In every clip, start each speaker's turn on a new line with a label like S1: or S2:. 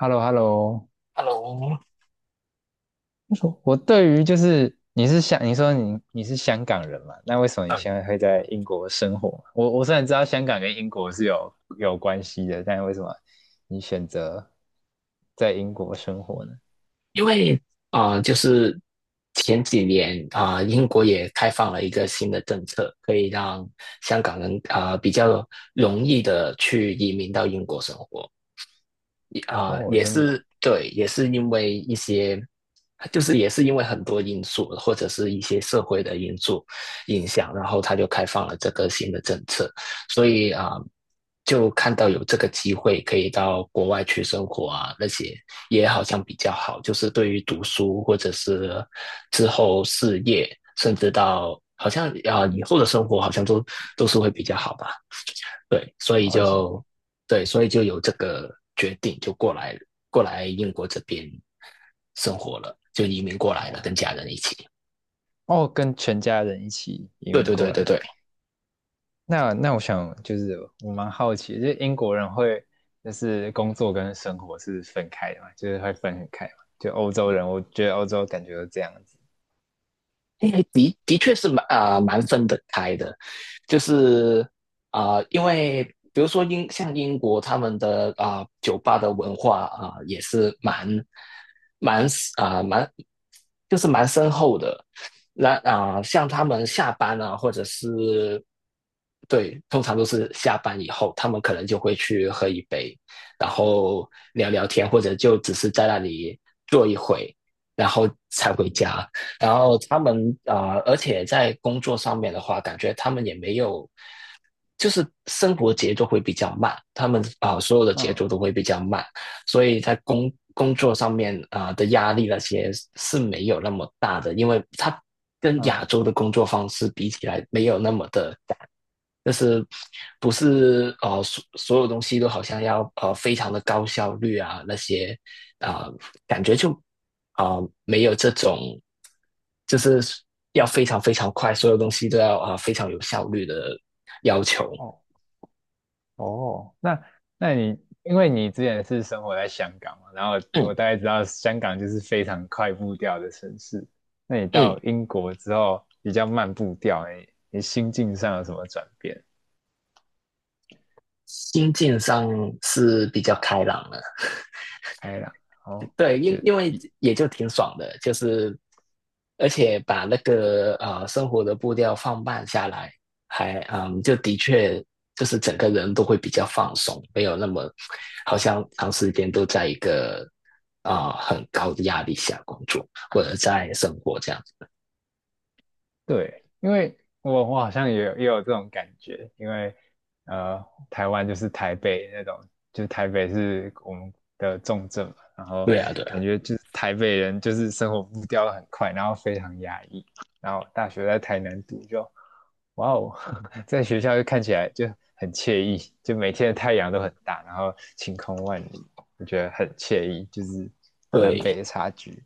S1: h e l l o h e l l o
S2: Hello，
S1: 我对于你说你是香港人嘛？那为什么你
S2: 呃，
S1: 现在会在英国生活？我虽然知道香港跟英国是有关系的，但为什么你选择在英国生活呢？
S2: 因为啊，就是前几年英国也开放了一个新的政策，可以让香港人比较容易的去移民到英国生活。
S1: 哦，
S2: 也
S1: 真的，
S2: 是对，也是因为一些，就是也是因为很多因素，或者是一些社会的因素影响，然后他就开放了这个新的政策，所以就看到有这个机会可以到国外去生活啊，那些也好像比较好，就是对于读书或者是之后事业，甚至到好像以后的生活，好像都是会比较好吧。对，所以
S1: 而且
S2: 就对，所以就有这个决定，就过来英国这边生活了，就移民过来了，跟
S1: 哦。
S2: 家人一起。
S1: 哦，跟全家人一起移
S2: 对
S1: 民
S2: 对
S1: 过
S2: 对对
S1: 来。
S2: 对，
S1: 那我想就是我蛮好奇的，就是英国人会就是工作跟生活是分开的嘛？就是会分很开嘛？就欧洲人，我觉得欧洲感觉都这样子。
S2: 诶的确是蛮蛮分得开的，就是因为比如说像英国他们的酒吧的文化啊、也是蛮啊、蛮就是蛮深厚的。那像他们下班啊，或者是对，通常都是下班以后，他们可能就会去喝一杯，然后聊聊天，或者就只是在那里坐一会，然后才回家。然后他们而且在工作上面的话，感觉他们也没有，就是生活节奏会比较慢，他们所有的节
S1: 嗯
S2: 奏都会比较慢，所以在工作上面的压力那些是没有那么大的，因为他跟亚
S1: 嗯。
S2: 洲的工作方式比起来没有那么的赶，就是不是所有东西都好像要非常的高效率啊那些啊、呃感觉就啊、没有这种就是要非常非常快，所有东西都要非常有效率的要求。
S1: 哦哦，那因为你之前是生活在香港嘛，然后
S2: 嗯
S1: 我大概知道香港就是非常快步调的城市，那你
S2: 嗯，
S1: 到英国之后比较慢步调，你心境上有什么转变？
S2: 心境上是比较开朗的。
S1: 开朗，哦，
S2: 对，
S1: 就
S2: 因为
S1: 一。
S2: 也就挺爽的，就是而且把那个生活的步调放慢下来，还就的确就是整个人都会比较放松，没有那么好像长时间都在一个很高的压力下工作或者在生活这样。
S1: 对，因为我好像也有这种感觉，因为呃，台湾就是台北那种，就是台北是我们的重镇嘛，然后
S2: 对啊，对啊
S1: 感觉就是台北人就是生活步调很快，然后非常压抑，然后大学在台南读就，哇哦，在学校就看起来就很惬意，就每天的太阳都很大，然后晴空万里，我觉得很惬意，就是南北
S2: 对，
S1: 的差距。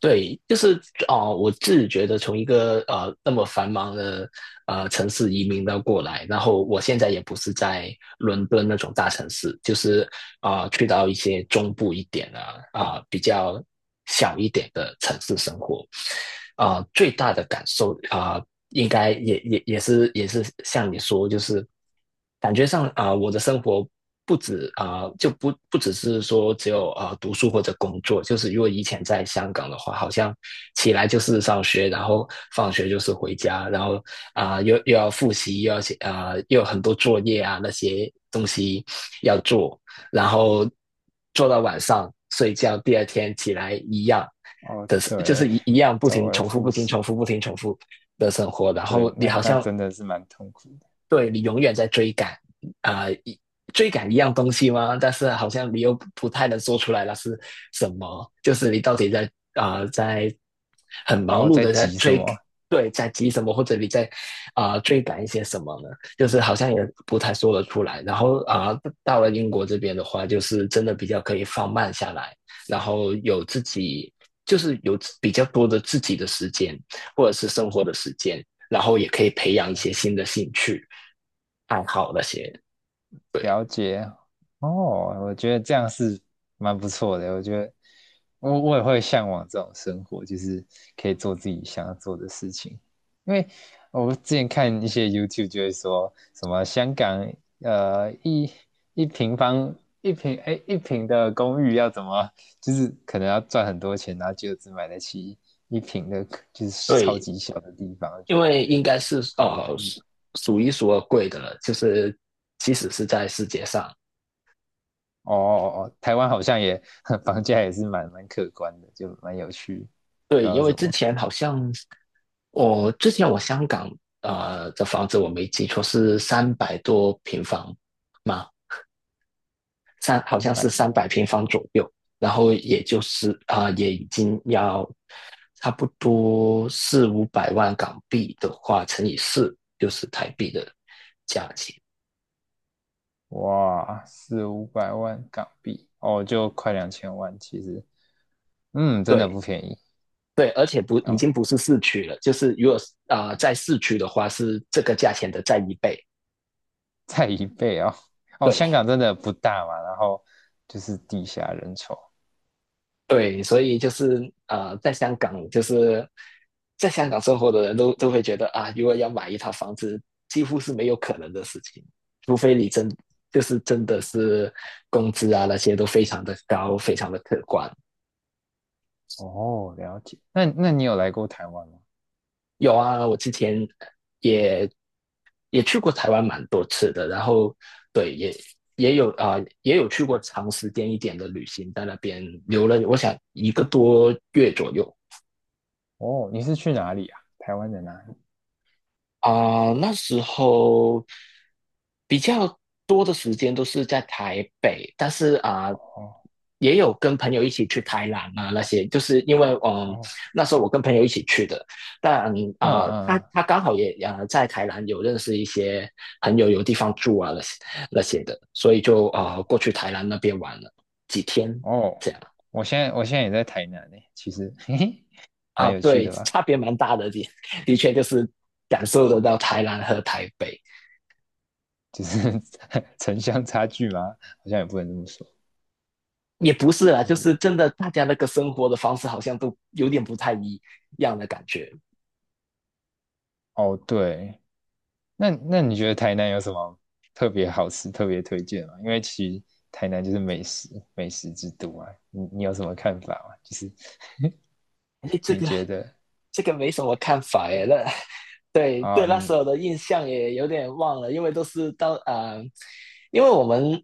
S2: 对，就是我自己觉得从一个那么繁忙的城市移民到过来，然后我现在也不是在伦敦那种大城市，就是去到一些中部一点的比较小一点的城市生活，最大的感受应该也是像你说，就是感觉上我的生活不止就不只是说只有读书或者工作，就是如果以前在香港的话，好像起来就是上学，然后放学就是回家，然后又要复习，又要写又有很多作业啊那些东西要做，然后做到晚上睡觉，第二天起来一样
S1: 哦，
S2: 的，就
S1: 对，
S2: 是一样不
S1: 周
S2: 停
S1: 而
S2: 重复，
S1: 复
S2: 不停
S1: 始。
S2: 重复，不停重复的生活，然
S1: 对，
S2: 后你
S1: 那
S2: 好
S1: 那
S2: 像
S1: 真的是蛮痛苦的。
S2: 对你永远在追赶，啊、一追赶一样东西吗？但是好像你又不太能说出来那是什么，就是你到底在很忙
S1: 哦，
S2: 碌
S1: 在
S2: 的在
S1: 急什
S2: 追，
S1: 么啊？
S2: 对，在急什么，或者你在追赶一些什么呢？就是好像也不太说得出来。然后到了英国这边的话，就是真的比较可以放慢下来，然后有自己。就是有比较多的自己的时间，或者是生活的时间，然后也可以培养一些
S1: 哦，
S2: 新的兴趣、爱好那些。对
S1: 了解。哦，我觉得这样是蛮不错的。我觉得我也会向往这种生活，就是可以做自己想要做的事情。因为我之前看一些 YouTube 就会说什么香港呃一一平方一平的公寓要怎么，就是可能要赚很多钱，然后就只买得起一平的，就是超
S2: 对，
S1: 级小的地方，我
S2: 因
S1: 觉得
S2: 为应该是
S1: 好压抑。
S2: 数一数二贵的了，就是即使是在世界上，
S1: 哦哦哦，台湾好像也 房价也是蛮可观的，就蛮有趣，不知
S2: 对，
S1: 道
S2: 因为
S1: 什
S2: 之
S1: 么
S2: 前好像我之前我香港的房子我没记错是300多平方嘛，好
S1: 三
S2: 像
S1: 百
S2: 是三
S1: 多。
S2: 百平方左右，然后也就是也已经要差不多四五百万港币的话，乘以四就是台币的价钱。
S1: 哇，四五百万港币，哦，就快两千万，其实，嗯，真的
S2: 对
S1: 不便宜。
S2: 对，而且不已
S1: 哦，
S2: 经不是市区了，就是如果在市区的话是这个价钱的再一倍。
S1: 再一倍哦，哦，
S2: 对，
S1: 香港真的不大嘛，然后就是地下人稠。
S2: 对，所以就是在香港，就是在香港生活的人都会觉得啊，如果要买一套房子，几乎是没有可能的事情，除非你真就是真的是工资啊那些都非常的高，非常的可观。
S1: 哦，了解，那你有来过台湾吗？
S2: 有啊，我之前也也去过台湾蛮多次的，然后对也有去过长时间一点的旅行，在那边留了我想一个多月左右。
S1: 哦，你是去哪里啊？台湾的哪里？
S2: 那时候比较多的时间都是在台北，但是
S1: 哦
S2: 也有跟朋友一起去台南啊那些，就是因为嗯，
S1: 哦，
S2: 那时候我跟朋友一起去的，但
S1: 嗯嗯，
S2: 他
S1: 嗯。
S2: 他刚好也在台南有认识一些朋友，有地方住啊那些的，所以就过去台南那边玩了几天，
S1: 哦，
S2: 这样
S1: 我现在也在台南呢，其实，嘿嘿。蛮有趣
S2: 对，
S1: 的吧？
S2: 差别蛮大的，的确就是感受得到台南和台北。
S1: 就是 城乡差距嘛，好像也不能这么说。
S2: 也不是啦，
S1: 就
S2: 就
S1: 是
S2: 是真的大家那个生活的方式好像都有点不太一样的感觉。
S1: 哦，对，那你觉得台南有什么特别好吃、特别推荐吗？因为其实台南就是美食之都啊，你有什么看法吗？就是
S2: 哎，这
S1: 你
S2: 个
S1: 觉得
S2: 这个没什么看法哎，那对
S1: 啊、
S2: 对那时
S1: 你
S2: 候的印象也有点忘了，因为都是到因为我们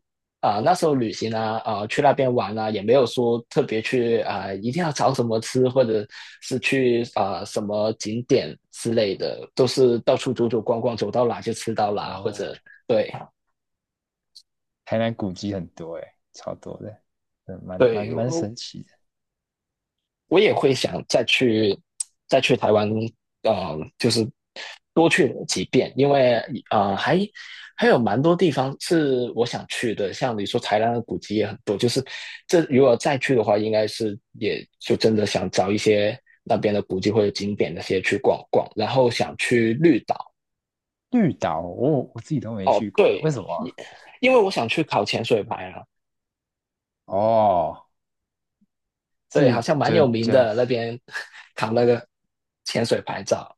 S2: 那时候旅行啊去那边玩啊，也没有说特别去一定要找什么吃，或者是去什么景点之类的，都是到处走走逛逛，走到哪就吃到哪，或者
S1: 哦，
S2: 对
S1: 台南古迹很多诶，超多的，嗯，蛮蛮
S2: 对，
S1: 蛮神奇的。
S2: 我也会想再去台湾，就是多去几遍，因为呃还还有蛮多地方是我想去的，像你说台湾的古迹也很多，就是这如果再去的话，应该是也就真的想找一些那边的古迹或者景点那些去逛逛，然后想去绿岛。
S1: 绿岛，我自己都没
S2: 哦，
S1: 去过诶，为
S2: 对，
S1: 什么
S2: 因
S1: 啊。
S2: 因为我想去考潜水牌啊，
S1: 哦，
S2: 对，好
S1: 是
S2: 像蛮
S1: 就
S2: 有名
S1: 就
S2: 的那边 考那个潜水牌照，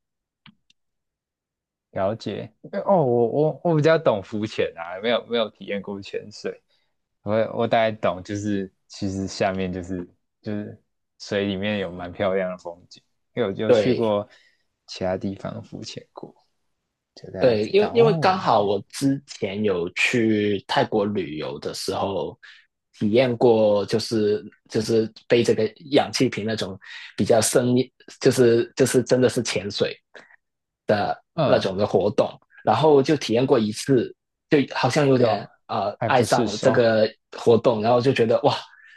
S1: 了解。哦，我比较懂浮潜啊，没有体验过潜水，我我大概懂，就是其实下面就是水里面有蛮漂亮的风景，因为我就去
S2: 对。
S1: 过其他地方浮潜过，就大概
S2: 对，
S1: 知
S2: 因为
S1: 道
S2: 因为刚
S1: 哦，
S2: 好我之前有去泰国旅游的时候，体验过就是背这个氧气瓶那种比较深，就是真的是潜水，那
S1: 嗯，
S2: 种的活动，然后就体验过一次，就好像有
S1: 就
S2: 点
S1: 爱
S2: 爱
S1: 不
S2: 上
S1: 释
S2: 了这
S1: 手。
S2: 个活动，然后就觉得哇。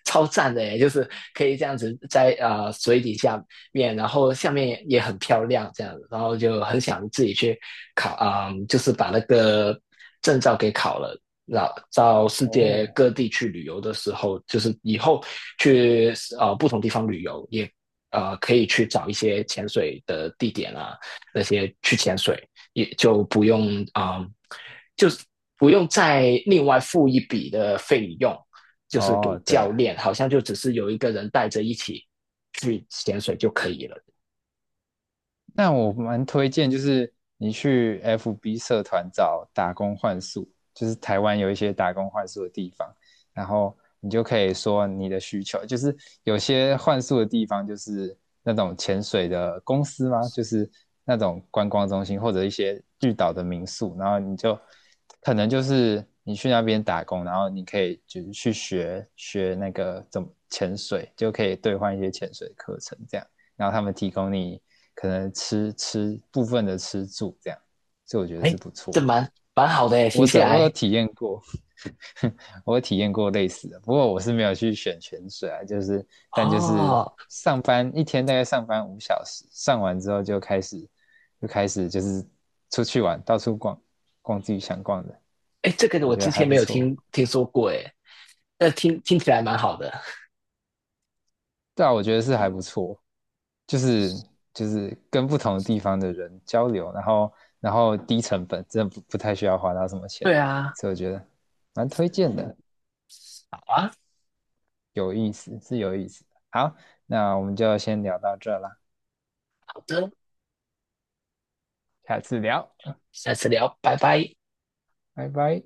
S2: 超赞的耶，就是可以这样子在水底下面，然后下面也很漂亮这样子，然后就很想自己去考就是把那个证照给考了，然后到世界
S1: 哦
S2: 各地去旅游的时候，就是以后去不同地方旅游，也可以去找一些潜水的地点啊，那些去潜水，也就不用啊、嗯就是不用再另外付一笔的费用，就是给
S1: 哦，对
S2: 教
S1: 啊，
S2: 练，好像就只是有一个人带着一起去潜水就可以了。
S1: 那我蛮推荐，就是你去 FB 社团找打工换宿，就是台湾有一些打工换宿的地方，然后你就可以说你的需求，就是有些换宿的地方就是那种潜水的公司吗？就是那种观光中心或者一些绿岛的民宿，然后你就可能就是你去那边打工，然后你可以就是去学那个怎么潜水，就可以兑换一些潜水课程这样。然后他们提供你可能部分的吃住这样，所以我觉得
S2: 哎，
S1: 是不
S2: 这
S1: 错。
S2: 蛮好的哎，听
S1: 我
S2: 起
S1: 这我有
S2: 来
S1: 体验过，我有体验过类似的，不过我是没有去选泉水啊，就是但就是
S2: 哦，
S1: 上班一天大概上班五小时，上完之后就开始就是出去玩，到处逛自己想逛的，
S2: 哎，这个
S1: 我
S2: 我
S1: 觉得
S2: 之
S1: 还
S2: 前没
S1: 不
S2: 有
S1: 错。
S2: 听说过哎，那听起来蛮好的。
S1: 对啊，我觉得是还不错，就是就是跟不同地方的人交流，然后低成本，真的不太需要花到什么钱，
S2: 对啊，
S1: 所以我觉得蛮推荐的，
S2: 好啊，
S1: 有意思，是有意思的。好，那我们就先聊到这啦，
S2: 好的，
S1: 下次聊，
S2: 下次聊，拜拜。
S1: 拜拜。